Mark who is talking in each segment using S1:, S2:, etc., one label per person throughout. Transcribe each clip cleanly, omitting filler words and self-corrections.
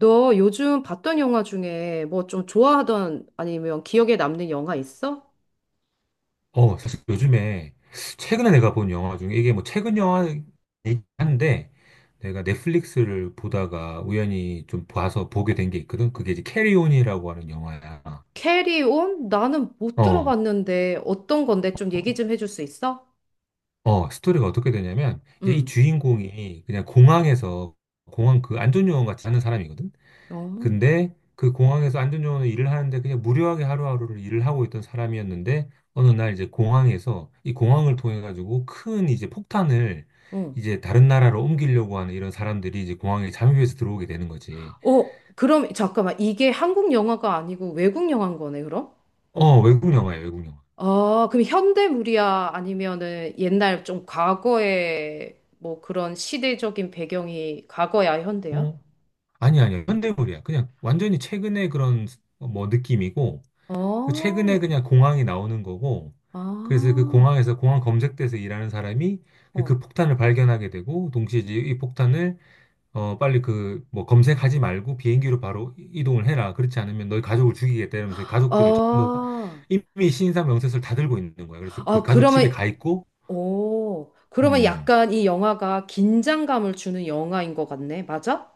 S1: 너 요즘 봤던 영화 중에 뭐 좀 좋아하던 아니면 기억에 남는 영화 있어?
S2: 사실 요즘에 최근에 내가 본 영화 중에 이게 뭐 최근 영화이긴 한데 내가 넷플릭스를 보다가 우연히 좀 봐서 보게 된 게 있거든. 그게 이제 캐리온이라고 하는 영화야.
S1: 캐리온? 나는 못
S2: 어,
S1: 들어봤는데 어떤 건데 좀 얘기 좀 해줄 수 있어?
S2: 스토리가 어떻게 되냐면 이제 이
S1: 응.
S2: 주인공이 그냥 공항에서 공항 그 안전요원 같이 하는 사람이거든.
S1: 어.
S2: 근데 그 공항에서 안전요원으로 일을 하는데 그냥 무료하게 하루하루를 일을 하고 있던 사람이었는데 어느 날 이제 공항에서 이 공항을 통해 가지고 큰 이제 폭탄을
S1: 응.
S2: 이제 다른 나라로 옮기려고 하는 이런 사람들이 이제 공항에 잠입해서 들어오게 되는 거지.
S1: 어, 그럼 잠깐만. 이게 한국 영화가 아니고 외국 영화인 거네, 그럼?
S2: 어, 외국 영화야, 외국 영화.
S1: 아, 그럼 현대물이야? 아니면은 옛날 좀 과거에 뭐 그런 시대적인 배경이 과거야, 현대야?
S2: 어, 아니 야 아니야. 아니야. 현대물이야. 그냥 완전히 최근에 그런 뭐 느낌이고 그 최근에
S1: 어.
S2: 그냥 공항이 나오는 거고 그래서 그
S1: 아.
S2: 공항에서 공항 검색대에서 일하는 사람이
S1: 어.
S2: 그 폭탄을 발견하게 되고 동시에 이제 이 폭탄을 빨리 그, 뭐, 검색하지 말고 비행기로 바로 이동을 해라. 그렇지 않으면 너희 가족을 죽이겠다. 이러면서 이 가족들을 전부 다
S1: 아.
S2: 이미 신상 명세서를 다 들고 있는 거야. 그래서 그
S1: 아,
S2: 가족 집에
S1: 그러면,
S2: 가 있고,
S1: 오, 그러면
S2: 음,
S1: 약간 이 영화가 긴장감을 주는 영화인 것 같네. 맞아?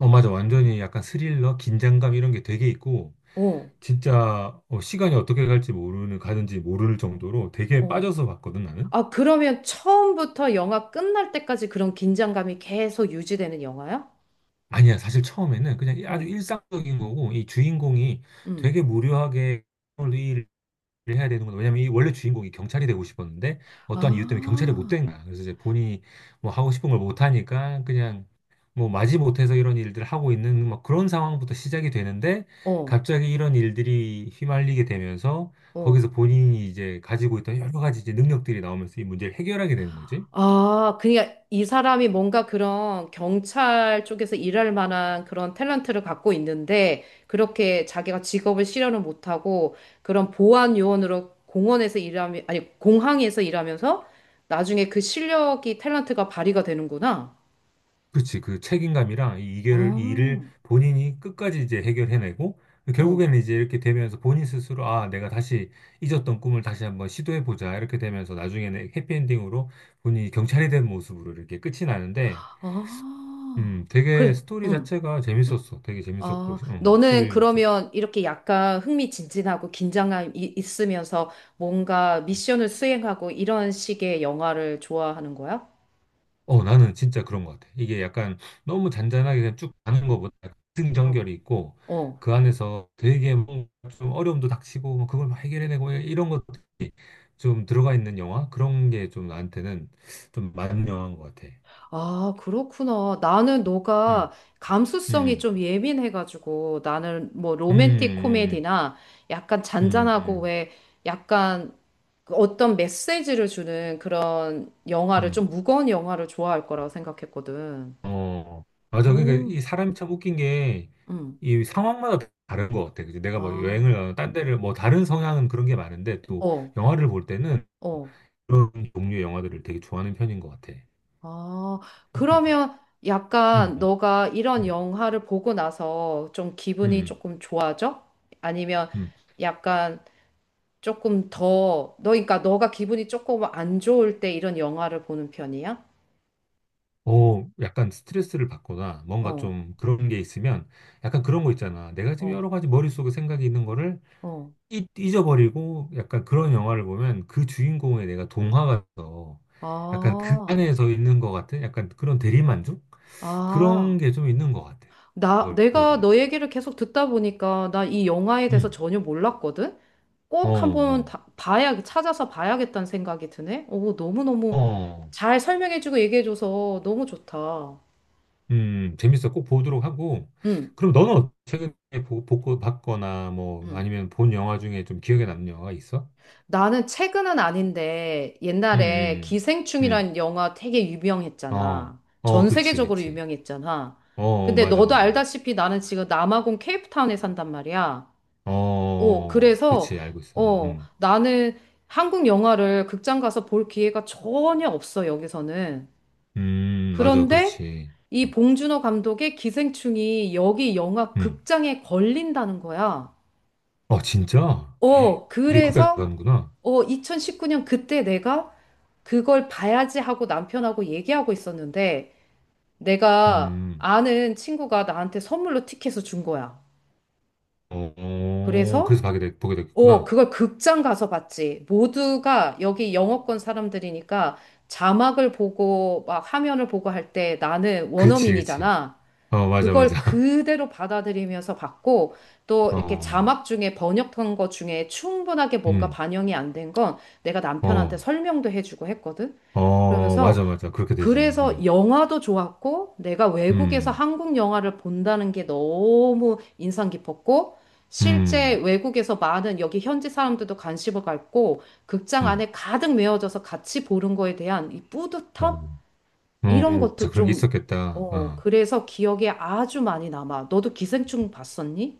S2: 어, 맞아. 완전히 약간 스릴러, 긴장감 이런 게 되게 있고,
S1: 어,
S2: 진짜, 어, 시간이 어떻게 갈지 모르는, 가는지 모를 정도로 되게
S1: 어.
S2: 빠져서 봤거든, 나는.
S1: 아, 그러면 처음부터 영화 끝날 때까지 그런 긴장감이 계속 유지되는 영화야?
S2: 아니야. 사실 처음에는 그냥 아주
S1: 어,
S2: 일상적인 거고, 이 주인공이
S1: 음.
S2: 되게 무료하게 해야 되는구나. 왜냐면 이 원래 주인공이 경찰이 되고 싶었는데
S1: 아,
S2: 어떠한 이유 때문에 경찰이 못 된 거야. 그래서 이제 본인이 뭐 하고 싶은 걸 못 하니까 그냥 뭐 마지못해서 이런 일들을 하고 있는 막 그런 상황부터 시작이 되는데
S1: 어,
S2: 갑자기 이런 일들이 휘말리게 되면서
S1: 어.
S2: 거기서 본인이 이제 가지고 있던 여러 가지 이제 능력들이 나오면서 이 문제를 해결하게 되는 거지.
S1: 아, 그러니까 이 사람이 뭔가 그런 경찰 쪽에서 일할 만한 그런 탤런트를 갖고 있는데 그렇게 자기가 직업을 실현을 못하고 그런 보안 요원으로 공원에서 일하면 아니 공항에서 일하면서 나중에 그 실력이 탤런트가 발휘가 되는구나.
S2: 그치, 그 책임감이랑 이 일을
S1: 아,
S2: 본인이 끝까지 이제 해결해내고,
S1: 응.
S2: 결국에는 이제 이렇게 되면서 본인 스스로, 아, 내가 다시 잊었던 꿈을 다시 한번 시도해보자. 이렇게 되면서 나중에는 해피엔딩으로 본인이 경찰이 된 모습으로 이렇게 끝이 나는데,
S1: 아,
S2: 되게
S1: 그래,
S2: 스토리
S1: 응.
S2: 자체가 재밌었어. 되게 재밌었고,
S1: 어, 너는
S2: 스릴 있었고.
S1: 그러면 이렇게 약간 흥미진진하고 긴장감 이, 있으면서 뭔가 미션을 수행하고 이런 식의 영화를 좋아하는 거야?
S2: 어, 나는 진짜 그런 것 같아. 이게 약간 너무 잔잔하게 그냥 쭉 가는 것보다
S1: 어.
S2: 승전결이 있고,
S1: 어.
S2: 그 안에서 되게 뭔가 좀 어려움도 닥치고, 뭐 그걸 막 해결해내고, 뭐 이런 것 좀 들어가 있는 영화? 그런 게 좀 나한테는 좀 맞는 영화인 것 같아.
S1: 아, 그렇구나. 나는 너가
S2: 음,
S1: 감수성이
S2: 음,
S1: 좀 예민해가지고 나는 뭐
S2: 음,
S1: 로맨틱
S2: 음,
S1: 코미디나 약간
S2: 음, 음,
S1: 잔잔하고
S2: 음,
S1: 왜 약간 그 어떤 메시지를 주는 그런 영화를
S2: 음.
S1: 좀 무거운 영화를 좋아할 거라고 생각했거든.
S2: 어, 맞아. 그러니까
S1: 오.
S2: 이 사람이 참 웃긴 게
S1: 응.
S2: 이 상황마다 다른 것 같아. 그치? 내가 뭐 여행을
S1: 아.
S2: 가거나 딴 데를 뭐 다른 성향은 그런 게 많은데 또
S1: 어.
S2: 영화를 볼 때는
S1: 어.
S2: 그런 종류의 영화들을 되게 좋아하는 편인 것 같아.
S1: 아,
S2: 웃기지?
S1: 그러면
S2: 음,
S1: 약간 너가 이런
S2: 음,
S1: 영화를 보고 나서 좀 기분이
S2: 음,
S1: 조금 좋아져? 아니면
S2: 음.
S1: 약간 조금 더, 너, 그러니까 너가 기분이 조금 안 좋을 때 이런 영화를 보는 편이야?
S2: 어, 약간 스트레스를 받거나 뭔가
S1: 어,
S2: 좀 그런 게 있으면 약간 그런 거 있잖아. 내가 지금
S1: 어,
S2: 여러 가지 머릿속에 생각이 있는 거를
S1: 어.
S2: 잊어버리고 약간 그런 영화를 보면 그 주인공에 내가 동화가 돼서 약간 그
S1: 아,
S2: 안에서 있는 것 같은 약간 그런 대리만족? 그런
S1: 아.
S2: 게 좀 있는 것 같아. 그걸 보는 것
S1: 내가 너
S2: 같아.
S1: 얘기를 계속 듣다 보니까 나 이 영화에 대해서
S2: 음,
S1: 전혀 몰랐거든?
S2: 어,
S1: 꼭 한번
S2: 어,
S1: 봐야, 찾아서 봐야겠다는 생각이 드네? 오, 너무너무
S2: 어,
S1: 잘 설명해주고 얘기해줘서 너무 좋다.
S2: 재밌어. 꼭 보도록 하고.
S1: 응,
S2: 그럼 너는 최근에 봤거나 뭐
S1: 응.
S2: 아니면 본 영화 중에 좀 기억에 남는 영화가 있어?
S1: 나는 최근은 아닌데 옛날에
S2: 응응응.
S1: 기생충이란 영화 되게
S2: 어,
S1: 유명했잖아.
S2: 어,
S1: 전
S2: 그치,
S1: 세계적으로
S2: 그치.
S1: 유명했잖아.
S2: 어, 어,
S1: 근데
S2: 맞아,
S1: 너도
S2: 맞아.
S1: 알다시피 나는 지금 남아공 케이프타운에 산단 말이야.
S2: 어, 어,
S1: 어,
S2: 어.
S1: 그래서
S2: 그치, 알고 있어.
S1: 어, 나는 한국 영화를 극장 가서 볼 기회가 전혀 없어, 여기서는.
S2: 맞아,
S1: 그런데
S2: 그렇지.
S1: 이 봉준호 감독의 기생충이 여기 영화
S2: 음.
S1: 극장에 걸린다는 거야.
S2: 어, 진짜?
S1: 어,
S2: 이게 거기까지
S1: 그래서,
S2: 가는구나.
S1: 어, 2019년 그때 내가 그걸 봐야지 하고 남편하고 얘기하고 있었는데, 내가
S2: 음,
S1: 아는 친구가 나한테 선물로 티켓을 준 거야.
S2: 어, 어,
S1: 그래서,
S2: 그래서 보게
S1: 어,
S2: 됐구나.
S1: 그걸 극장 가서 봤지. 모두가 여기 영어권 사람들이니까 자막을 보고 막 화면을 보고 할 때 나는
S2: 그렇지, 그렇지.
S1: 원어민이잖아.
S2: 어, 맞아,
S1: 그걸
S2: 맞아.
S1: 그대로 받아들이면서 봤고, 또 이렇게
S2: 어,
S1: 자막 중에 번역한 거 중에 충분하게 뭔가
S2: 음,
S1: 반영이 안 된 건 내가 남편한테
S2: 어,
S1: 설명도 해주고 했거든.
S2: 어,
S1: 그러면서
S2: 맞아, 맞아. 그렇게 되지.
S1: 그래서
S2: 어,
S1: 영화도 좋았고, 내가 외국에서
S2: 음,
S1: 한국 영화를 본다는 게 너무 인상 깊었고, 실제
S2: 음,
S1: 외국에서 많은 여기 현지 사람들도 관심을 갖고, 극장
S2: 음,
S1: 안에 가득 메워져서 같이 보는 거에 대한 이
S2: 어,
S1: 뿌듯함?
S2: 어,
S1: 이런
S2: 맞아
S1: 것도
S2: 그런 게
S1: 좀,
S2: 있었겠다.
S1: 어,
S2: 어.
S1: 그래서 기억에 아주 많이 남아. 너도 기생충 봤었니?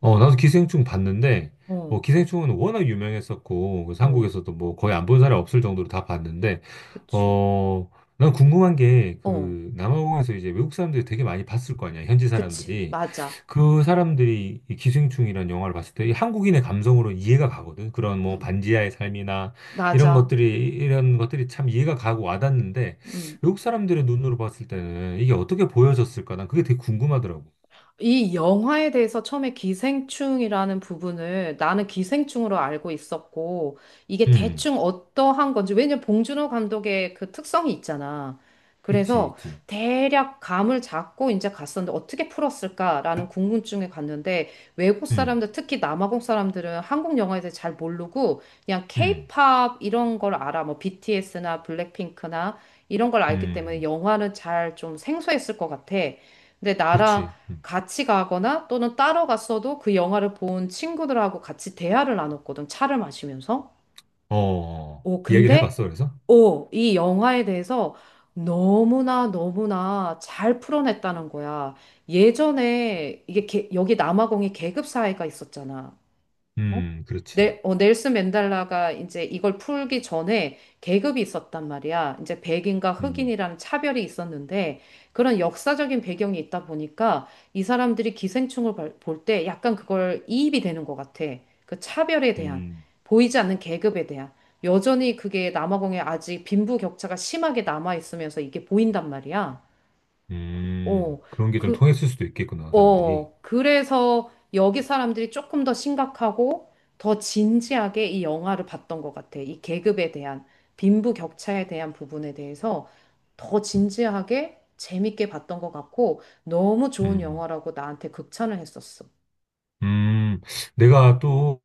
S2: 어, 나도 기생충 봤는데, 뭐,
S1: 어,
S2: 기생충은 워낙 유명했었고, 그래서
S1: 어,
S2: 한국에서도 뭐, 거의 안 본 사람이 없을 정도로 다 봤는데,
S1: 그치.
S2: 어, 난 궁금한 게,
S1: 어,
S2: 그, 남아공에서 이제 외국 사람들이 되게 많이 봤을 거 아니야, 현지
S1: 그치.
S2: 사람들이.
S1: 맞아.
S2: 그 사람들이 이 기생충이라는 영화를 봤을 때이 한국인의 감성으로 이해가 가거든. 그런 뭐,
S1: 응,
S2: 반지하의 삶이나 이런
S1: 맞아.
S2: 것들이, 이런 것들이 참 이해가 가고 와닿는데,
S1: 응.
S2: 외국 사람들의 눈으로 봤을 때는 이게 어떻게 보여졌을까? 난 그게 되게 궁금하더라고.
S1: 이 영화에 대해서 처음에 기생충이라는 부분을 나는 기생충으로 알고 있었고, 이게
S2: 음,
S1: 대충 어떠한 건지, 왜냐면 봉준호 감독의 그 특성이 있잖아.
S2: 있지,
S1: 그래서
S2: 있지.
S1: 대략 감을 잡고 이제 갔었는데 어떻게 풀었을까라는 궁금증에 갔는데 외국
S2: 음.
S1: 사람들, 특히 남아공 사람들은 한국 영화에 대해 잘 모르고 그냥
S2: 음,
S1: 케이팝 이런 걸 알아. 뭐 BTS나 블랙핑크나 이런 걸 알기 때문에
S2: 음,
S1: 영화는 잘 좀 생소했을 것 같아. 근데 나라
S2: 그렇지. 음.
S1: 같이 가거나 또는 따로 갔어도 그 영화를 본 친구들하고 같이 대화를 나눴거든, 차를 마시면서.
S2: 어,
S1: 오,
S2: 얘기를
S1: 근데,
S2: 해봤어, 그래서?
S1: 오, 이 영화에 대해서 너무나 너무나 잘 풀어냈다는 거야. 예전에 이게 여기 남아공에 계급 사회가 있었잖아. 어?
S2: 그렇지.
S1: 네, 어, 넬슨 맨델라가 이제 이걸 풀기 전에 계급이 있었단 말이야. 이제 백인과
S2: 음,
S1: 흑인이라는 차별이 있었는데 그런 역사적인 배경이 있다 보니까 이 사람들이 기생충을 볼 때 약간 그걸 이입이 되는 것 같아. 그 차별에 대한,
S2: 음,
S1: 보이지 않는 계급에 대한. 여전히 그게 남아공에 아직 빈부격차가 심하게 남아 있으면서 이게 보인단 말이야. 어,
S2: 그런 게 좀
S1: 그,
S2: 통했을 수도 있겠구나, 사람들이.
S1: 어, 그래서 여기 사람들이 조금 더 심각하고 더 진지하게 이 영화를 봤던 것 같아. 이 계급에 대한, 빈부격차에 대한 부분에 대해서 더 진지하게 재밌게 봤던 것 같고 너무 좋은
S2: 음,
S1: 영화라고 나한테 극찬을 했었어.
S2: 음, 내가 또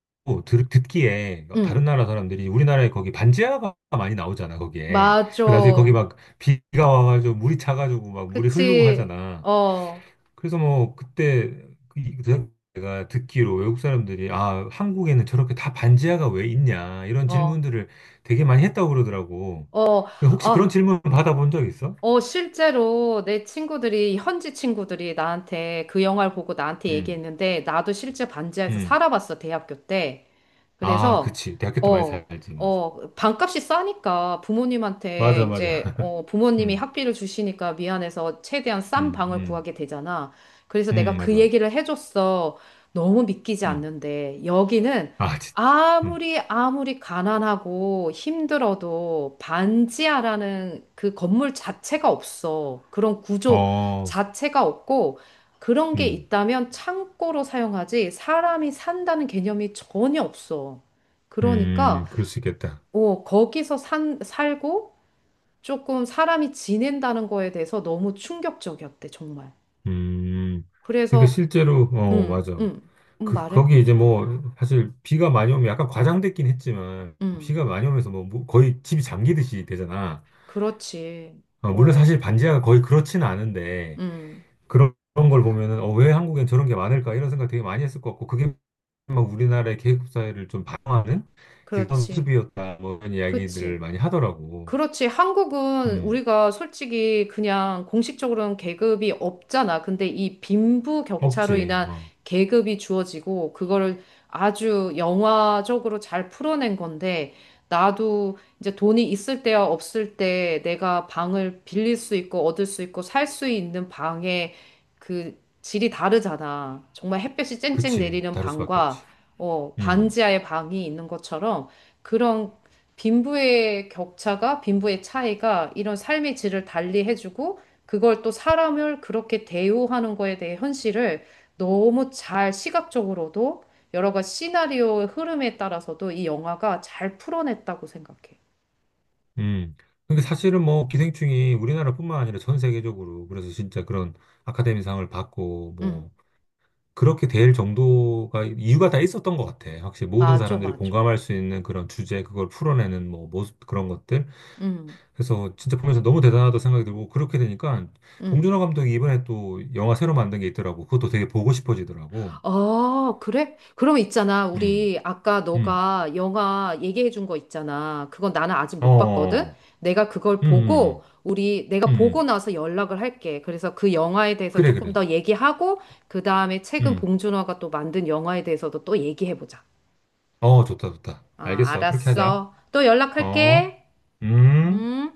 S2: 듣기에 다른
S1: 응,
S2: 나라 사람들이 우리나라에 거기 반지하가 많이 나오잖아, 거기에. 그 나중에 거기
S1: 맞아.
S2: 막 비가 와가지고 물이 차가지고 막 물이 흐르고
S1: 그치.
S2: 하잖아.
S1: 어,
S2: 그래서 뭐 그때 그 제가 듣기로 외국 사람들이 아, 한국에는 저렇게 다 반지하가 왜 있냐 이런
S1: 어,
S2: 질문들을 되게 많이 했다고 그러더라고.
S1: 어,
S2: 그 혹시 그런
S1: 아.
S2: 질문 받아본 적 있어?
S1: 어, 실제로 내 친구들이, 현지 친구들이 나한테 그 영화를 보고 나한테
S2: 응,
S1: 얘기했는데, 나도 실제 반지하에서
S2: 응.
S1: 살아봤어, 대학교 때.
S2: 아,
S1: 그래서
S2: 그치. 대학교 때 많이
S1: 어,
S2: 살지, 맞아.
S1: 어, 반값이 싸니까 부모님한테
S2: 맞아, 맞아.
S1: 이제 어, 부모님이
S2: 응,
S1: 학비를 주시니까 미안해서 최대한 싼
S2: 응,
S1: 방을
S2: 응,
S1: 구하게 되잖아. 그래서
S2: 응,
S1: 내가 그
S2: 맞아.
S1: 얘기를 해줬어. 너무 믿기지
S2: 응.
S1: 않는데 여기는
S2: 아, 진짜. 응.
S1: 아무리 아무리 가난하고 힘들어도 반지하라는 그 건물 자체가 없어. 그런 구조
S2: 어,
S1: 자체가 없고 그런 게
S2: 응,
S1: 있다면 창고로 사용하지 사람이 산다는 개념이 전혀 없어. 그러니까
S2: 그럴 수 있겠다.
S1: 어, 거기서 살고 조금 사람이 지낸다는 거에 대해서 너무 충격적이었대, 정말.
S2: 음, 그러니까
S1: 그래서
S2: 실제로, 어,
S1: 음,
S2: 맞아.
S1: 음,
S2: 그,
S1: 말해?
S2: 거기 이제 뭐, 사실 비가 많이 오면 약간 과장됐긴 했지만,
S1: 음,
S2: 비가 많이 오면서 뭐, 뭐 거의 집이 잠기듯이 되잖아.
S1: 그렇지.
S2: 어, 물론
S1: 어,
S2: 사실 반지하가 거의 그렇지는 않은데,
S1: 음,
S2: 그런, 걸 보면은, 어, 왜 한국엔 저런 게 많을까? 이런 생각 되게 많이 했을 것 같고, 그게 막 우리나라의 계급 사회를 좀 반영하는 그런
S1: 그렇지.
S2: 모습이었다. 뭐, 이런 이야기들을
S1: 그치.
S2: 많이 하더라고.
S1: 그렇지. 한국은
S2: 음,
S1: 우리가 솔직히 그냥 공식적으로는 계급이 없잖아. 근데 이 빈부격차로
S2: 없지.
S1: 인한
S2: 어,
S1: 계급이 주어지고 그거를 아주 영화적으로 잘 풀어낸 건데 나도 이제 돈이 있을 때와 없을 때 내가 방을 빌릴 수 있고 얻을 수 있고 살 수 있는 방의 그 질이 다르잖아. 정말 햇볕이 쨍쨍
S2: 그치.
S1: 내리는
S2: 다를 수밖에
S1: 방과
S2: 없지.
S1: 어,
S2: 음.
S1: 반지하의 방이 있는 것처럼 그런 빈부의 격차가, 빈부의 차이가 이런 삶의 질을 달리해주고, 그걸 또 사람을 그렇게 대우하는 거에 대해 현실을 너무 잘 시각적으로도 여러 가지 시나리오의 흐름에 따라서도 이 영화가 잘 풀어냈다고 생각해.
S2: 음. 근데
S1: 음,
S2: 사실은 뭐 기생충이 우리나라뿐만 아니라 전 세계적으로 그래서 진짜 그런 아카데미상을 받고
S1: 음,
S2: 뭐 그렇게 될 정도가 이유가 다 있었던 것 같아. 확실히 모든
S1: 맞아,
S2: 사람들이
S1: 맞아.
S2: 공감할 수 있는 그런 주제, 그걸 풀어내는 뭐 모습 그런 것들.
S1: 음,
S2: 그래서 진짜 보면서 너무 대단하다 생각이 들고 그렇게 되니까
S1: 음.
S2: 봉준호 감독이 이번에 또 영화 새로 만든 게 있더라고. 그것도 되게 보고 싶어지더라고.
S1: 아, 그래? 그럼 있잖아.
S2: 음.
S1: 우리 아까
S2: 음.
S1: 너가 영화 얘기해 준 거 있잖아. 그건 나는 아직
S2: 어. 어.
S1: 못 봤거든?
S2: 어.
S1: 내가 그걸
S2: 음.
S1: 보고,
S2: 음.
S1: 우리,
S2: 음. 음.
S1: 내가 보고
S2: 음.
S1: 나서 연락을 할게. 그래서 그 영화에 대해서
S2: 그래
S1: 조금
S2: 그래.
S1: 더 얘기하고, 그 다음에 최근
S2: 음.
S1: 봉준호가 또 만든 영화에 대해서도 또 얘기해 보자.
S2: 어, 좋다 좋다.
S1: 아,
S2: 알겠어. 그렇게 하자.
S1: 알았어. 또
S2: 어,
S1: 연락할게.
S2: 음.
S1: 음.